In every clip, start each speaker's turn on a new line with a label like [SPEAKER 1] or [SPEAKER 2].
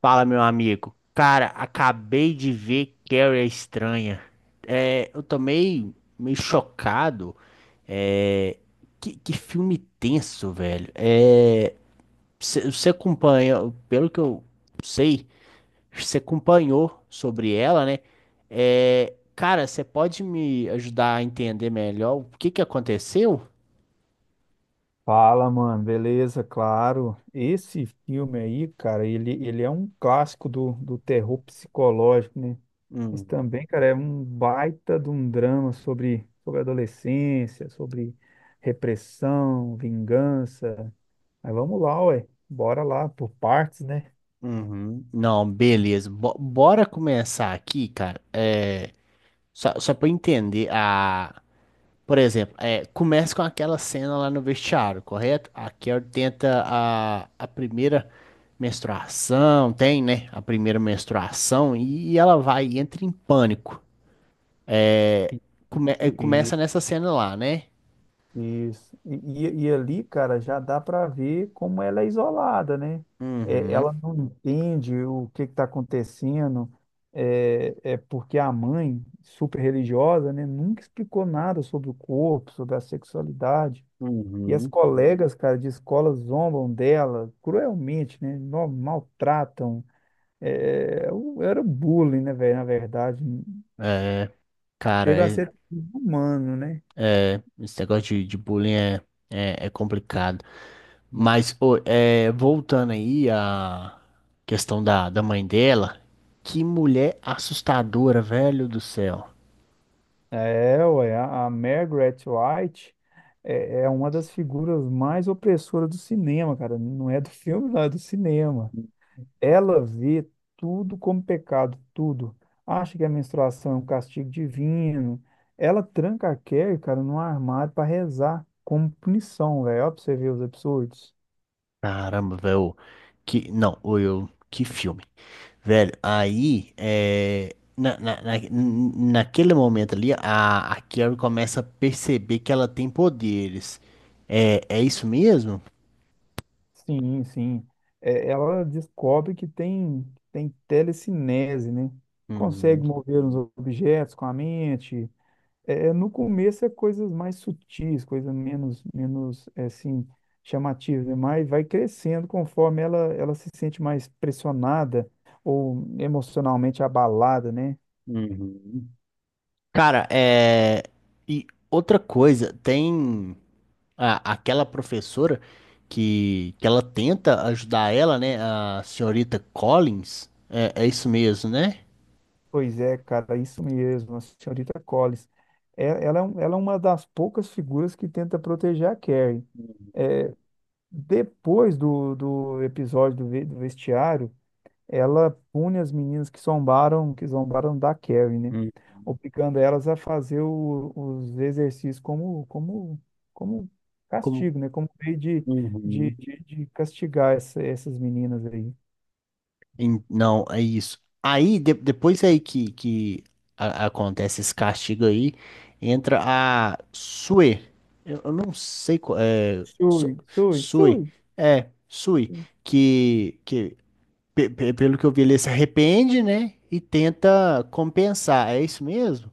[SPEAKER 1] Fala, meu amigo. Cara, acabei de ver Carrie a Estranha. É, eu tomei meio chocado. É, que filme tenso, velho. Você acompanha, pelo que eu sei, você acompanhou sobre ela, né? É, cara, você pode me ajudar a entender melhor o que aconteceu?
[SPEAKER 2] Fala, mano, beleza, claro. Esse filme aí, cara, ele é um clássico do terror psicológico, né? Mas
[SPEAKER 1] Uhum,
[SPEAKER 2] também, cara, é um baita de um drama sobre, sobre adolescência, sobre repressão, vingança. Mas vamos lá, ué, bora lá, por partes, né?
[SPEAKER 1] uhum. Não, beleza. Bora começar aqui, cara. Só pra eu entender, a... por exemplo, começa com aquela cena lá no vestiário, correto? A Carol tenta a primeira menstruação, tem, né? A primeira menstruação e ela vai e entra em pânico. É,
[SPEAKER 2] E,
[SPEAKER 1] começa nessa cena lá, né?
[SPEAKER 2] Isso. E ali, cara, já dá para ver como ela é isolada, né? É,
[SPEAKER 1] Uhum,
[SPEAKER 2] ela não entende o que está acontecendo, é, é porque a mãe, super religiosa, né, nunca explicou nada sobre o corpo, sobre a sexualidade. E as
[SPEAKER 1] uhum.
[SPEAKER 2] colegas, cara, de escola zombam dela cruelmente, né? Maltratam. É, era bullying, né, velho? Na verdade,
[SPEAKER 1] É, cara,
[SPEAKER 2] chega a
[SPEAKER 1] é,
[SPEAKER 2] ser humano, né?
[SPEAKER 1] esse negócio de bullying é complicado. Mas,
[SPEAKER 2] É.
[SPEAKER 1] pô, voltando aí à questão da mãe dela, que mulher assustadora, velho do céu.
[SPEAKER 2] É, ué, a Margaret White é uma das figuras mais opressoras do cinema, cara. Não é do filme, não, é do cinema. Ela vê tudo como pecado, tudo. Acha que a menstruação é um castigo divino. Ela tranca a Carrie, cara, num armário para rezar, como punição, velho. Ó, pra você ver os absurdos.
[SPEAKER 1] Caramba, velho. Que, não, ô, eu, que filme. Velho, aí, naquele momento ali, a Carrie começa a perceber que ela tem poderes. É, é isso mesmo?
[SPEAKER 2] Sim, sim. É, ela descobre tem telecinese, né?
[SPEAKER 1] Uhum,
[SPEAKER 2] Consegue mover os objetos com a mente. É, no começo é coisas mais sutis, coisas menos, menos é, assim, chamativas, né? Mas vai crescendo conforme ela se sente mais pressionada ou emocionalmente abalada, né?
[SPEAKER 1] uhum. Cara, é. E outra coisa, tem. Aquela professora que ela tenta ajudar ela, né? A senhorita Collins. É, é isso mesmo, né?
[SPEAKER 2] Pois é, cara, isso mesmo, a senhorita Collins. É, ela, ela é uma das poucas figuras que tenta proteger a Carrie. Depois do episódio do, do vestiário, ela pune as meninas que zombaram da Carrie, né?
[SPEAKER 1] Uhum.
[SPEAKER 2] Obrigando elas a fazer os exercícios como
[SPEAKER 1] Como-
[SPEAKER 2] castigo, né? Como meio de, de,
[SPEAKER 1] Uhum.
[SPEAKER 2] de, de castigar essas meninas aí.
[SPEAKER 1] Não, é isso. Aí, depois aí que acontece esse castigo aí, entra a Sue. Eu não sei qual é.
[SPEAKER 2] Sui, sui,
[SPEAKER 1] Sue.
[SPEAKER 2] sui.
[SPEAKER 1] É, Sue. Que, que Pelo que eu vi, ele se arrepende, né? E tenta compensar. É isso mesmo?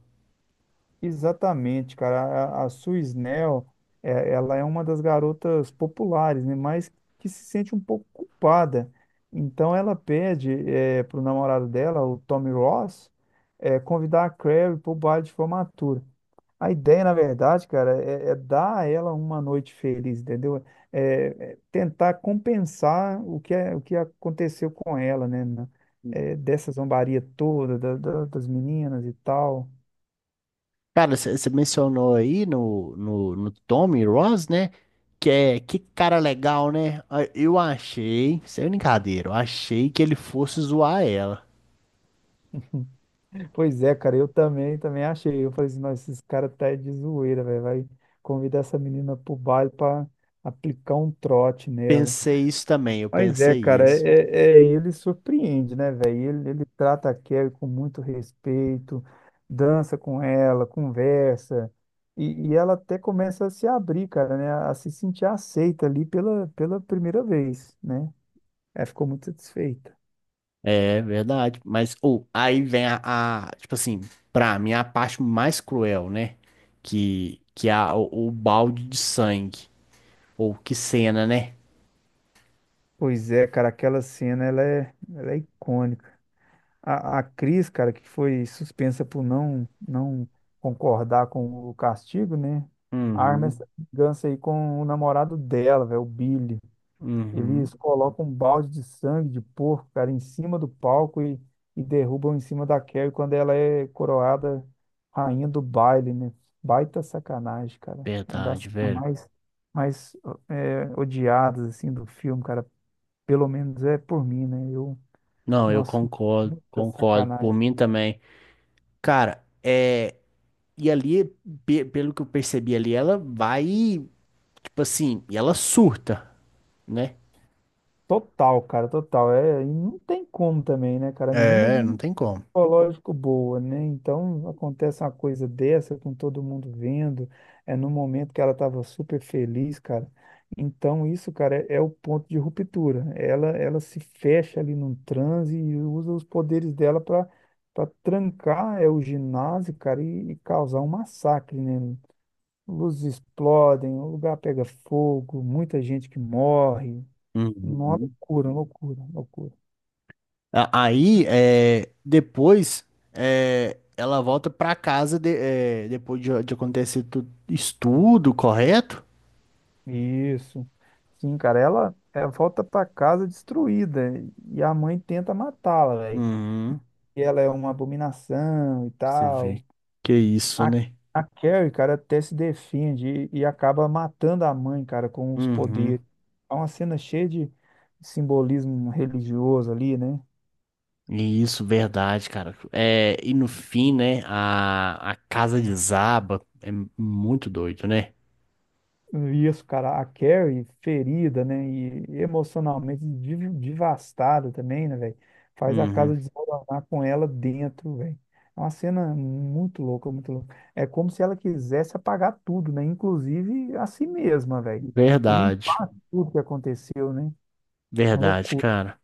[SPEAKER 2] Exatamente, cara. A Suisnel, é, ela é uma das garotas populares, né? Mas que se sente um pouco culpada. Então ela pede é, pro namorado dela, o Tommy Ross, é, convidar a Carrie pro baile de formatura. A ideia, na verdade, cara, é, é dar a ela uma noite feliz, entendeu? É, é tentar compensar o que, é, o que aconteceu com ela, né? É, dessa zombaria toda, das meninas e tal.
[SPEAKER 1] Cara, você mencionou aí no Tommy Ross, né? Que é que cara legal, né? Ah, eu achei, sem brincadeira, eu achei que ele fosse zoar ela.
[SPEAKER 2] Pois é, cara, eu também, também achei. Eu falei assim, nossa, esses caras tá de zoeira, velho. Vai convidar essa menina pro baile pra aplicar um trote nela.
[SPEAKER 1] Pensei isso também, eu
[SPEAKER 2] Mas é,
[SPEAKER 1] pensei
[SPEAKER 2] cara,
[SPEAKER 1] isso.
[SPEAKER 2] é, ele surpreende, né, velho? Ele trata a Kelly com muito respeito, dança com ela, conversa. E ela até começa a se abrir, cara, né? A se sentir aceita ali pela, pela primeira vez, né? Ela ficou muito satisfeita.
[SPEAKER 1] É verdade, mas ou aí vem tipo assim, pra mim a parte mais cruel, né? Que é o balde de sangue. Ou que cena, né?
[SPEAKER 2] Pois é, cara, aquela cena, ela é icônica. A Cris, cara, que foi suspensa por não concordar com o castigo, né? Arma
[SPEAKER 1] Uhum.
[SPEAKER 2] essa vingança aí com o namorado dela, velho, o Billy. Eles
[SPEAKER 1] Uhum.
[SPEAKER 2] colocam um balde de sangue de porco, cara, em cima do palco e derrubam em cima da Carrie quando ela é coroada rainha do baile, né? Baita sacanagem, cara. Uma das
[SPEAKER 1] Verdade,
[SPEAKER 2] cenas
[SPEAKER 1] velho.
[SPEAKER 2] mais, mais é, odiadas, assim, do filme, cara. Pelo menos é por mim, né? Eu,
[SPEAKER 1] Não, eu
[SPEAKER 2] nossa,
[SPEAKER 1] concordo,
[SPEAKER 2] muita
[SPEAKER 1] concordo. Por
[SPEAKER 2] sacanagem.
[SPEAKER 1] mim também. Cara, é. E ali, pelo que eu percebi ali, ela vai, tipo assim, e ela surta, né?
[SPEAKER 2] Total, cara, total. É, e não tem como também, né, cara? A menina já
[SPEAKER 1] É,
[SPEAKER 2] não
[SPEAKER 1] não
[SPEAKER 2] é
[SPEAKER 1] tem como.
[SPEAKER 2] psicológico boa, né? Então acontece uma coisa dessa com todo mundo vendo, é no momento que ela estava super feliz, cara. Então isso, cara, é, é o ponto de ruptura. Ela se fecha ali num transe e usa os poderes dela para trancar é o ginásio, cara, e causar um massacre, né? Luzes explodem, o lugar pega fogo, muita gente que morre, uma
[SPEAKER 1] Uhum.
[SPEAKER 2] loucura, loucura, loucura.
[SPEAKER 1] Aí, é, depois, é, ela volta pra é, depois de acontecer tudo isso tudo, correto?
[SPEAKER 2] Isso. Sim, cara, ela volta pra casa destruída e a mãe tenta matá-la, velho.
[SPEAKER 1] Uhum.
[SPEAKER 2] E ela é uma abominação e
[SPEAKER 1] Você vê
[SPEAKER 2] tal.
[SPEAKER 1] que é isso,
[SPEAKER 2] A,
[SPEAKER 1] né?
[SPEAKER 2] a Carrie, cara, até se defende e acaba matando a mãe, cara, com os poderes.
[SPEAKER 1] Uhum.
[SPEAKER 2] É uma cena cheia de simbolismo religioso ali, né?
[SPEAKER 1] Isso, verdade, cara. É, e no fim, né, a casa desaba. É muito doido, né?
[SPEAKER 2] Isso, cara, a Carrie ferida, né? E emocionalmente devastada também, né, velho? Faz a casa
[SPEAKER 1] Uhum.
[SPEAKER 2] desmoronar com ela dentro, velho. É uma cena muito louca, muito louca. É como se ela quisesse apagar tudo, né? Inclusive a si mesma, velho.
[SPEAKER 1] Verdade,
[SPEAKER 2] Limpar tudo que aconteceu, né? Uma
[SPEAKER 1] verdade,
[SPEAKER 2] loucura.
[SPEAKER 1] cara.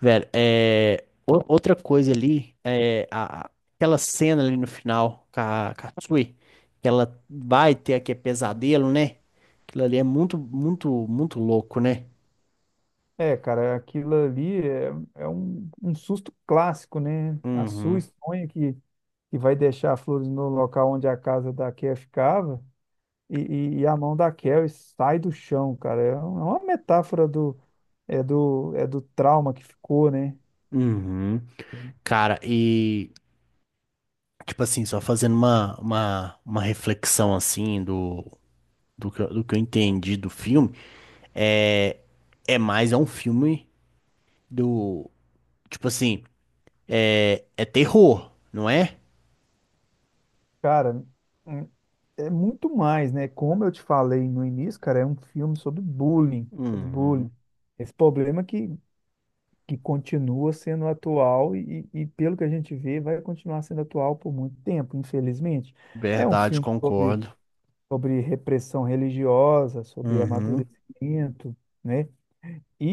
[SPEAKER 1] Velho, é, outra coisa ali, é aquela cena ali no final com com a Tsui, que ela vai ter aquele pesadelo, né? Aquilo ali é muito louco, né?
[SPEAKER 2] É, cara, aquilo ali é, é um, um susto clássico, né? A sua
[SPEAKER 1] Uhum,
[SPEAKER 2] sonha que vai deixar flores no local onde a casa da Carrie ficava. E, e a mão da Carrie sai do chão, cara. É uma metáfora do, é do, é do trauma que ficou, né?
[SPEAKER 1] uhum. Cara, e. Tipo assim, só fazendo uma reflexão assim do, do que eu entendi do filme, é, é mais é um filme do, tipo assim, é, é terror, não é?
[SPEAKER 2] Cara, hum, é muito mais, né? Como eu te falei no início, cara, é um filme sobre bullying, sobre bullying.
[SPEAKER 1] Uhum.
[SPEAKER 2] Esse problema que continua sendo atual e pelo que a gente vê, vai continuar sendo atual por muito tempo, infelizmente. É um
[SPEAKER 1] Verdade,
[SPEAKER 2] filme sobre,
[SPEAKER 1] concordo.
[SPEAKER 2] sobre repressão religiosa, sobre
[SPEAKER 1] Uhum.
[SPEAKER 2] amadurecimento, né? E,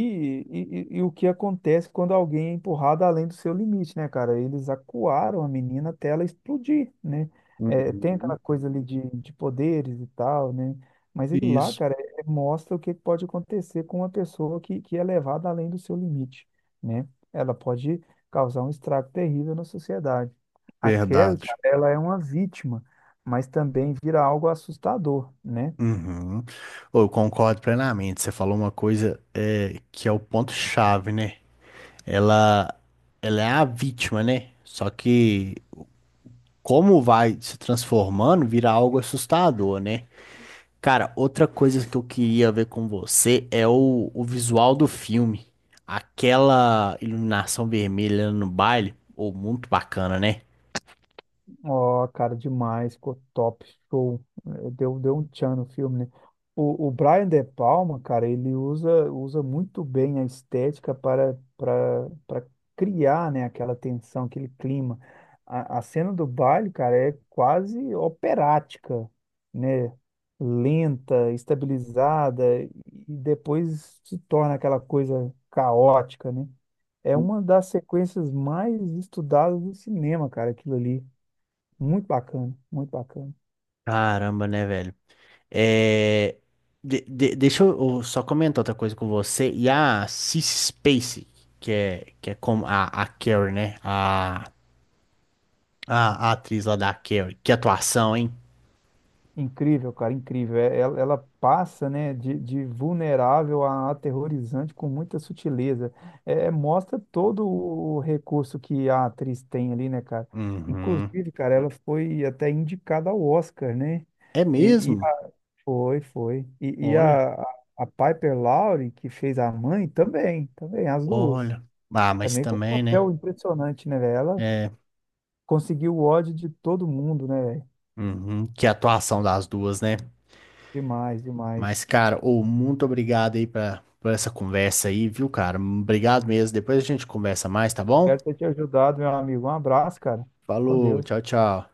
[SPEAKER 2] e, e o que acontece quando alguém é empurrado além do seu limite, né, cara? Eles acuaram a menina até ela explodir, né? É, tem aquela
[SPEAKER 1] Uhum.
[SPEAKER 2] coisa ali de poderes e tal, né? Mas aquilo lá,
[SPEAKER 1] Isso,
[SPEAKER 2] cara, é, mostra o que pode acontecer com uma pessoa que é levada além do seu limite, né? Ela pode causar um estrago terrível na sociedade. A Carrie,
[SPEAKER 1] verdade.
[SPEAKER 2] cara, ela é uma vítima, mas também vira algo assustador, né?
[SPEAKER 1] Uhum. Ô, eu concordo plenamente. Você falou uma coisa é, que é o ponto-chave, né? Ela, ela é a vítima, né? Só que como vai se transformando, vira algo assustador, né? Cara, outra coisa que eu queria ver com você é o visual do filme. Aquela iluminação vermelha no baile, ou muito bacana, né?
[SPEAKER 2] Ó, cara, demais, ficou top, show. Eh, deu um tchan no filme, né? O Brian De Palma, cara, ele usa muito bem a estética para criar, né, aquela tensão, aquele clima. A cena do baile, cara, é quase operática, né? Lenta, estabilizada, e depois se torna aquela coisa caótica, né? É uma das sequências mais estudadas do cinema, cara, aquilo ali. Muito bacana, muito bacana.
[SPEAKER 1] Caramba, né, velho? É, deixa eu só comentar outra coisa com você. E a Cissy Spacek, que é como a Carrie, né? A atriz lá da Carrie. Que atuação, hein?
[SPEAKER 2] Incrível, cara, incrível. Ela, ela passa, né, de vulnerável a aterrorizante com muita sutileza. É, é, mostra todo o recurso que a atriz tem ali, né, cara?
[SPEAKER 1] Uhum.
[SPEAKER 2] Inclusive, cara, ela foi até indicada ao Oscar, né?
[SPEAKER 1] É
[SPEAKER 2] E,
[SPEAKER 1] mesmo?
[SPEAKER 2] foi, foi. E
[SPEAKER 1] Olha.
[SPEAKER 2] a, a Piper Laurie, que fez a mãe, também, também, as duas.
[SPEAKER 1] Olha. Ah, mas
[SPEAKER 2] Também foi um
[SPEAKER 1] também,
[SPEAKER 2] papel
[SPEAKER 1] né?
[SPEAKER 2] impressionante, né, velho? Ela
[SPEAKER 1] É.
[SPEAKER 2] conseguiu o ódio de todo mundo, né, velho?
[SPEAKER 1] Uhum. Que atuação das duas, né?
[SPEAKER 2] Demais, demais.
[SPEAKER 1] Mas, cara, ô, muito obrigado aí pra, por essa conversa aí, viu, cara? Obrigado mesmo. Depois a gente conversa mais, tá bom?
[SPEAKER 2] Espero ter te ajudado, meu amigo. Um abraço, cara. Fique com
[SPEAKER 1] Falou,
[SPEAKER 2] Deus.
[SPEAKER 1] tchau, tchau.